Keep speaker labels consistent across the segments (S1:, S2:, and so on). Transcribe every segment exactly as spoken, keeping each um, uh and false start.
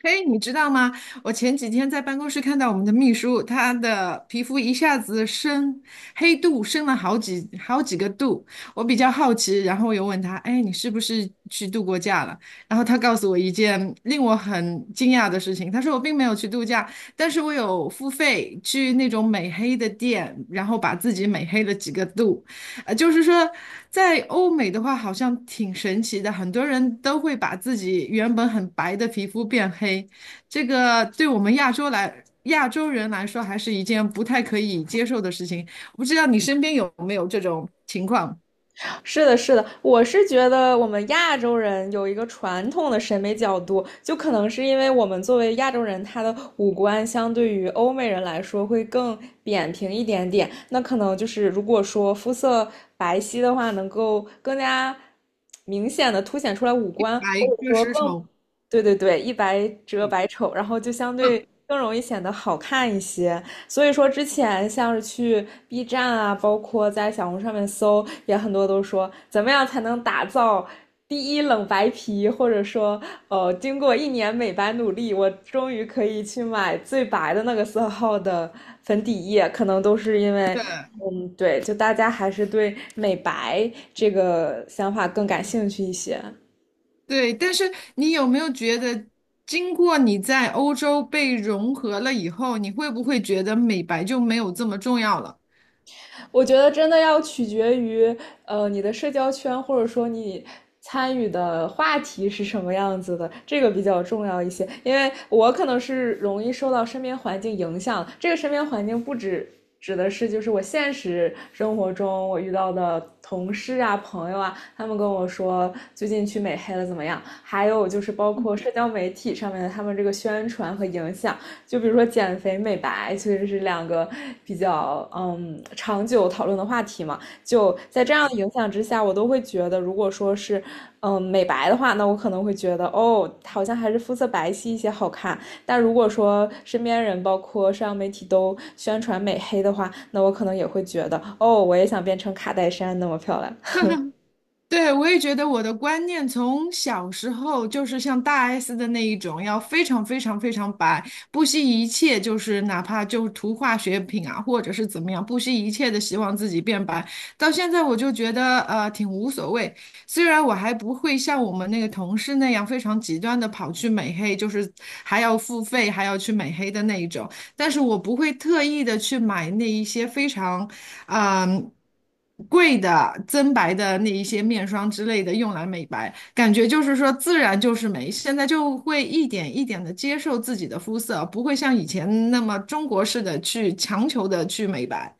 S1: 嘿，你知道吗？我前几天在办公室看到我们的秘书，她的皮肤一下子升黑度，升了好几好几个度。我比较好奇，然后我又问她：“哎，你是不是去度过假了？”然后她告诉我一件令我很惊讶的事情，她说我并没有去度假，但是我有付费去那种美黑的店，然后把自己美黑了几个度。呃，就是说，在欧美的话，好像挺神奇的，很多人都会把自己原本很白的皮肤变黑，这个对我们亚洲来亚洲人来说，还是一件不太可以接受的事情。我不知道你身边有没有这种情况，
S2: 是的，是的，我是觉得我们亚洲人有一个传统的审美角度，就可能是因为我们作为亚洲人，他的五官相对于欧美人来说会更扁平一点点。那可能就是如果说肤色白皙的话，能够更加明显的凸显出来五官，或
S1: 白
S2: 者
S1: 热
S2: 说
S1: 丝
S2: 更
S1: 绸。
S2: 对对对，一白遮百丑，然后就相
S1: 嗯，
S2: 对更容易显得好看一些。所以说之前像是去 B 站啊，包括在小红书上面搜，也很多都说怎么样才能打造第一冷白皮，或者说，呃，经过一年美白努力，我终于可以去买最白的那个色号的粉底液，可能都是因为。
S1: 对
S2: 嗯，对，就大家还是对美白这个想法更感兴趣一些。
S1: 对，但是你有没有觉得，经过你在欧洲被融合了以后，你会不会觉得美白就没有这么重要了？
S2: 我觉得真的要取决于呃你的社交圈，或者说你参与的话题是什么样子的，这个比较重要一些。因为我可能是容易受到身边环境影响，这个身边环境不止。指的是就是我现实生活中我遇到的同事啊、朋友啊，他们跟我说最近去美黑了怎么样？还有就是包括社交媒体上面的他们这个宣传和影响，就比如说减肥、美白，其实是两个比较嗯长久讨论的话题嘛。就在这样的影响之下，我都会觉得，如果说是嗯美白的话，那我可能会觉得哦，好像还是肤色白皙一些好看。但如果说身边人，包括社交媒体都宣传美黑的话，那我可能也会觉得哦，我也想变成卡戴珊那么漂亮。
S1: 对，我也觉得我的观念从小时候就是像大 S 的那一种，要非常非常非常白，不惜一切，就是哪怕就涂化学品啊，或者是怎么样，不惜一切的希望自己变白。到现在我就觉得呃挺无所谓，虽然我还不会像我们那个同事那样非常极端的跑去美黑，就是还要付费还要去美黑的那一种，但是我不会特意的去买那一些非常。嗯，贵的增白的那一些面霜之类的用来美白，感觉就是说自然就是美。现在就会一点一点的接受自己的肤色，不会像以前那么中国式的去强求的去美白。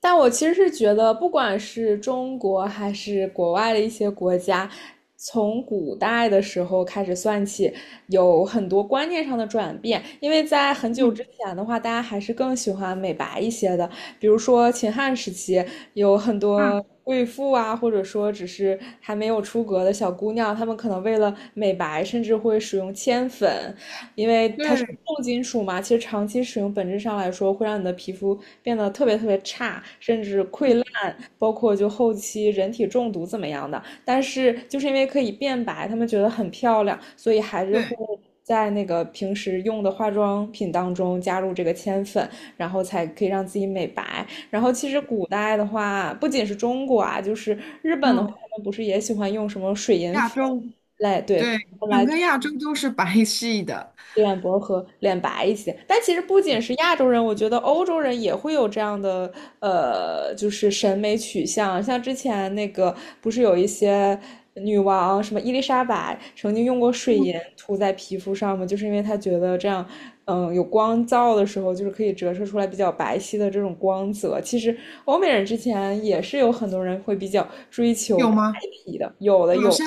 S2: 但我其实是觉得，不管是中国还是国外的一些国家，从古代的时候开始算起，有很多观念上的转变。因为在很久之前的话，大家还是更喜欢美白一些的，比如说秦汉时期，有很多
S1: 嗯，
S2: 贵妇啊，或者说只是还没有出阁的小姑娘，她们可能为了美白，甚至会使用铅粉，因为它是
S1: 对
S2: 重金属嘛，其实长期使用本质上来说会让你的皮肤变得特别特别差，甚至溃烂，包括就后期人体中毒怎么样的。但是就是因为可以变白，他们觉得很漂亮，所以还是会
S1: 对，
S2: 在那个平时用的化妆品当中加入这个铅粉，然后才可以让自己美白。然后其实古代的话，不仅是中国啊，就是日本的话，
S1: 嗯，
S2: 他们不是也喜欢用什么水银
S1: 亚
S2: 粉
S1: 洲，
S2: 来对，
S1: 对，
S2: 来
S1: 整个亚洲都是白系的，
S2: 脸薄和脸白一些。但其实不仅是亚洲人，我觉得欧洲人也会有这样的呃，就是审美取向。像之前那个不是有一些女王，什么伊丽莎白曾经用过水银
S1: 嗯，
S2: 涂在皮肤上吗？就是因为她觉得这样，嗯，有光照的时候，就是可以折射出来比较白皙的这种光泽。其实欧美人之前也是有很多人会比较追求
S1: 有
S2: 白
S1: 吗？
S2: 皮的，有的
S1: 好
S2: 有的。
S1: 像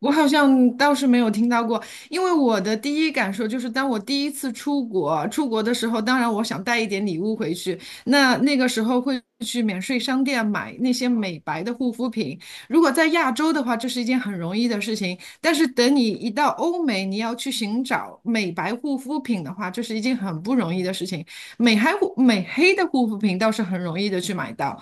S1: 我好像倒是没有听到过，因为我的第一感受就是，当我第一次出国，出国的时候，当然我想带一点礼物回去，那那个时候会去免税商店买那些美白的护肤品。如果在亚洲的话，这是一件很容易的事情，但是等你一到欧美，你要去寻找美白护肤品的话，这是一件很不容易的事情。美黑护美黑的护肤品倒是很容易的去买到，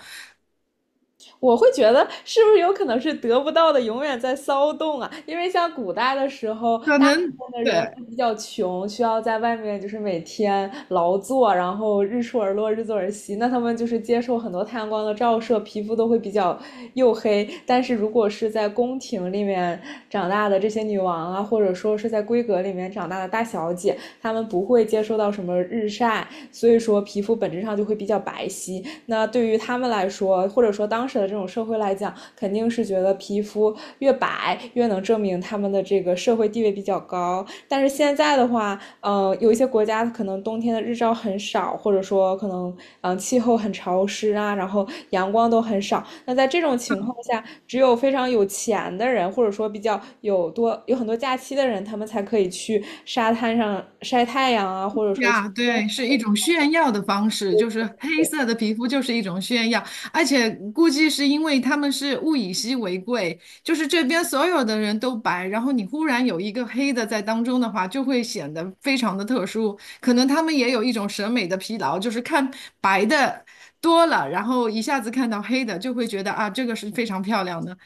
S2: 我会觉得是不是有可能是得不到的永远在骚动啊？因为像古代的时候，
S1: 可
S2: 大部
S1: 能。
S2: 分的
S1: 对，
S2: 人都比较穷，需要在外面就是每天劳作，然后日出而落，日作而息。那他们就是接受很多太阳光的照射，皮肤都会比较黝黑。但是如果是在宫廷里面长大的这些女王啊，或者说是在闺阁里面长大的大小姐，他们不会接受到什么日晒，所以说皮肤本质上就会比较白皙。那对于他们来说，或者说当时的这种社会来讲，肯定是觉得皮肤越白越能证明他们的这个社会地位比较高。但是现在的话，呃，有一些国家可能冬天的日照很少，或者说可能嗯、呃气候很潮湿啊，然后阳光都很少。那在这种情况下，只有非常有钱的人，或者说比较有多有很多假期的人，他们才可以去沙滩上晒太阳啊，或者说去。
S1: 呀，对，是一种炫耀的方式，就是黑色的皮肤就是一种炫耀，而且估计是因为他们是物以稀为贵，就是这边所有的人都白，然后你忽然有一个黑的在当中的话，就会显得非常的特殊。可能他们也有一种审美的疲劳，就是看白的多了，然后一下子看到黑的就会觉得啊，这个是非常漂亮的。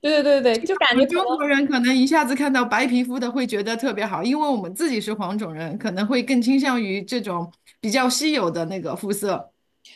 S2: 对对对对，就感
S1: 我
S2: 觉
S1: 们
S2: 可
S1: 中
S2: 能
S1: 国人可能一下子看到白皮肤的会觉得特别好，因为我们自己是黄种人，可能会更倾向于这种比较稀有的那个肤色。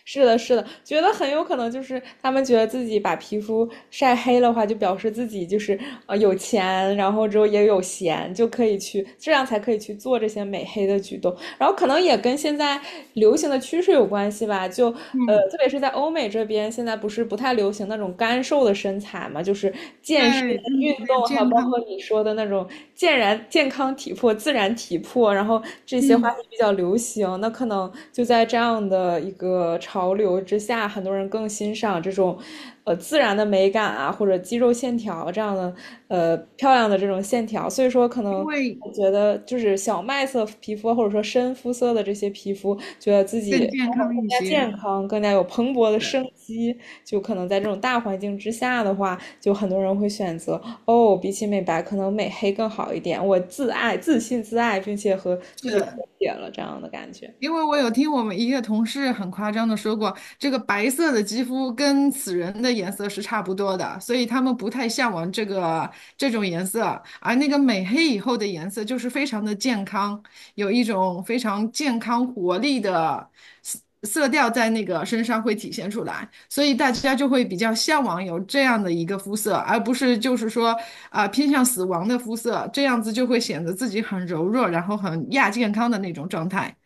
S2: 是的，是的，觉得很有可能就是他们觉得自己把皮肤晒黑的话，就表示自己就是呃有钱，然后之后也有闲，就可以去这样才可以去做这些美黑的举动。然后可能也跟现在流行的趋势有关系吧，就呃，
S1: 嗯，
S2: 特别是在欧美这边，现在不是不太流行那种干瘦的身材嘛，就是健身、
S1: 对，他们觉
S2: 运
S1: 得要
S2: 动，还有
S1: 健
S2: 包
S1: 康，
S2: 括你说的那种健然健康体魄、自然体魄，然后这些话
S1: 嗯，
S2: 题比较流行。那可能就在这样的一个潮流之下，很多人更欣赏这种呃自然的美感啊，或者肌肉线条这样的呃漂亮的这种线条。所以说，可
S1: 因
S2: 能
S1: 为
S2: 我觉得就是小麦色皮肤或者说深肤色的这些皮肤，觉得自己
S1: 更健
S2: 生活
S1: 康
S2: 更
S1: 一
S2: 加
S1: 些。
S2: 健康，更加有蓬勃的
S1: 对，
S2: 生机。就可能在这种大环境之下的话，就很多人会选择哦，比起美白，可能美黑更好一点。我自爱、自信、自爱，并且和自己和
S1: 是，
S2: 解了这样的感觉。
S1: 因为我有听我们一个同事很夸张的说过，这个白色的肌肤跟死人的颜色是差不多的，所以他们不太向往这个这种颜色，而那个美黑以后的颜色就是非常的健康，有一种非常健康活力的色色调在那个身上会体现出来，所以大家就会比较向往有这样的一个肤色，而不是就是说啊、偏向死亡的肤色，这样子就会显得自己很柔弱，然后很亚健康的那种状态。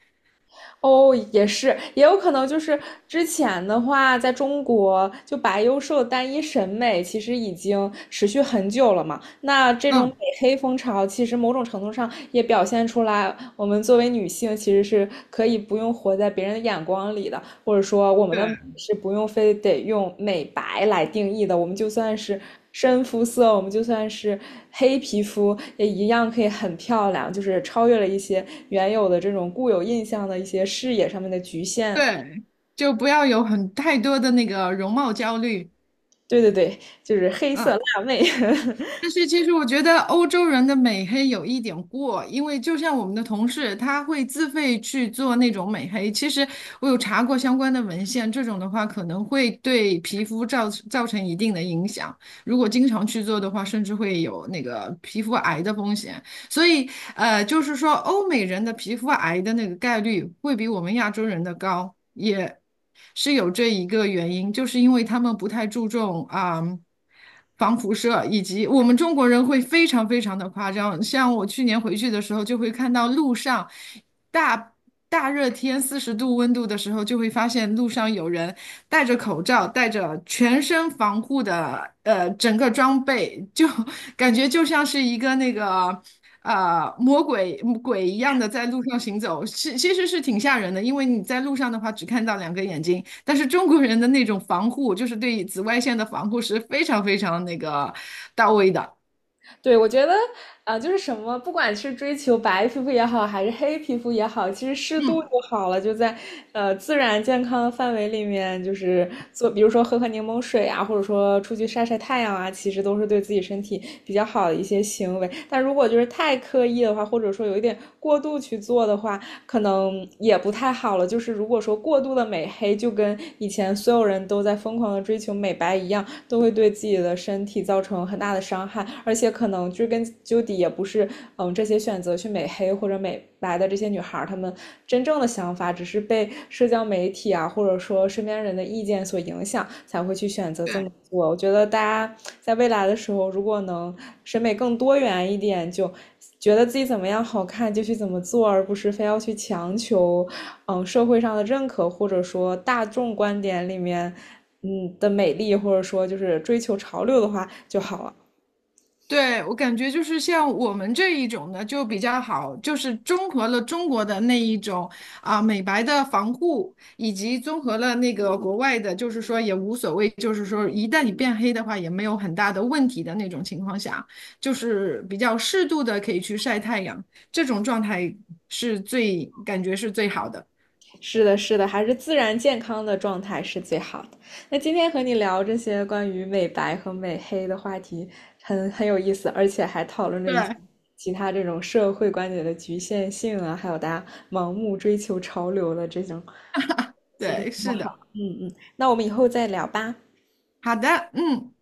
S2: 哦，也是，也有可能就是之前的话，在中国就白幼瘦的单一审美其实已经持续很久了嘛。那这种美
S1: 嗯。
S2: 黑风潮，其实某种程度上也表现出来，我们作为女性其实是可以不用活在别人的眼光里的，或者说我们的
S1: 对
S2: 美是不用非得用美白来定义的，我们就算是深肤色，我们就算是黑皮肤也一样可以很漂亮，就是超越了一些原有的这种固有印象的一些视野上面的局限。
S1: 对，就不要有很太多的那个容貌焦虑，
S2: 对对对，就是黑色
S1: 嗯。
S2: 辣妹。
S1: 但是其实我觉得欧洲人的美黑有一点过，因为就像我们的同事，他会自费去做那种美黑。其实我有查过相关的文献，这种的话可能会对皮肤造造成一定的影响。如果经常去做的话，甚至会有那个皮肤癌的风险。所以呃，就是说欧美人的皮肤癌的那个概率会比我们亚洲人的高，也是有这一个原因，就是因为他们不太注重啊。防辐射，以及我们中国人会非常非常的夸张，像我去年回去的时候，就会看到路上大大热天四十度温度的时候，就会发现路上有人戴着口罩，戴着全身防护的呃整个装备，就 感觉就像是一个那个。啊、魔鬼鬼一样的在路上行走，其其实是挺吓人的，因为你在路上的话只看到两个眼睛，但是中国人的那种防护，就是对紫外线的防护是非常非常那个到位的。
S2: 对，我觉得啊、呃就是什么，不管是追求白皮肤也好，还是黑皮肤也好，其实适度
S1: 嗯，
S2: 就好了，就在呃自然健康的范围里面，就是做，比如说喝喝柠檬水啊，或者说出去晒晒太阳啊，其实都是对自己身体比较好的一些行为。但如果就是太刻意的话，或者说有一点过度去做的话，可能也不太好了。就是如果说过度的美黑，就跟以前所有人都在疯狂的追求美白一样，都会对自己的身体造成很大的伤害。而且可能追根究底，也不是嗯这些选择去美黑或者美白的这些女孩她们真正的想法，只是被社交媒体啊，或者说身边人的意见所影响，才会去选择这么
S1: 对。
S2: 做。我觉得大家在未来的时候，如果能审美更多元一点，就觉得自己怎么样好看就去怎么做，而不是非要去强求，嗯，社会上的认可，或者说大众观点里面，嗯的美丽，或者说就是追求潮流的话就好了。
S1: 对，我感觉就是像我们这一种呢，就比较好，就是综合了中国的那一种啊、美白的防护，以及综合了那个国外的，就是说也无所谓，就是说一旦你变黑的话也没有很大的问题的那种情况下，就是比较适度的可以去晒太阳，这种状态是最感觉是最好的。
S2: 是的，是的，还是自然健康的状态是最好的。那今天和你聊这些关于美白和美黑的话题很，很有意思，而且还讨论了一些
S1: 对
S2: 其他这种社会观点的局限性啊，还有大家盲目追求潮流的这种。
S1: 对，是的，
S2: 嗯嗯，那我们以后再聊吧。
S1: 好的，嗯。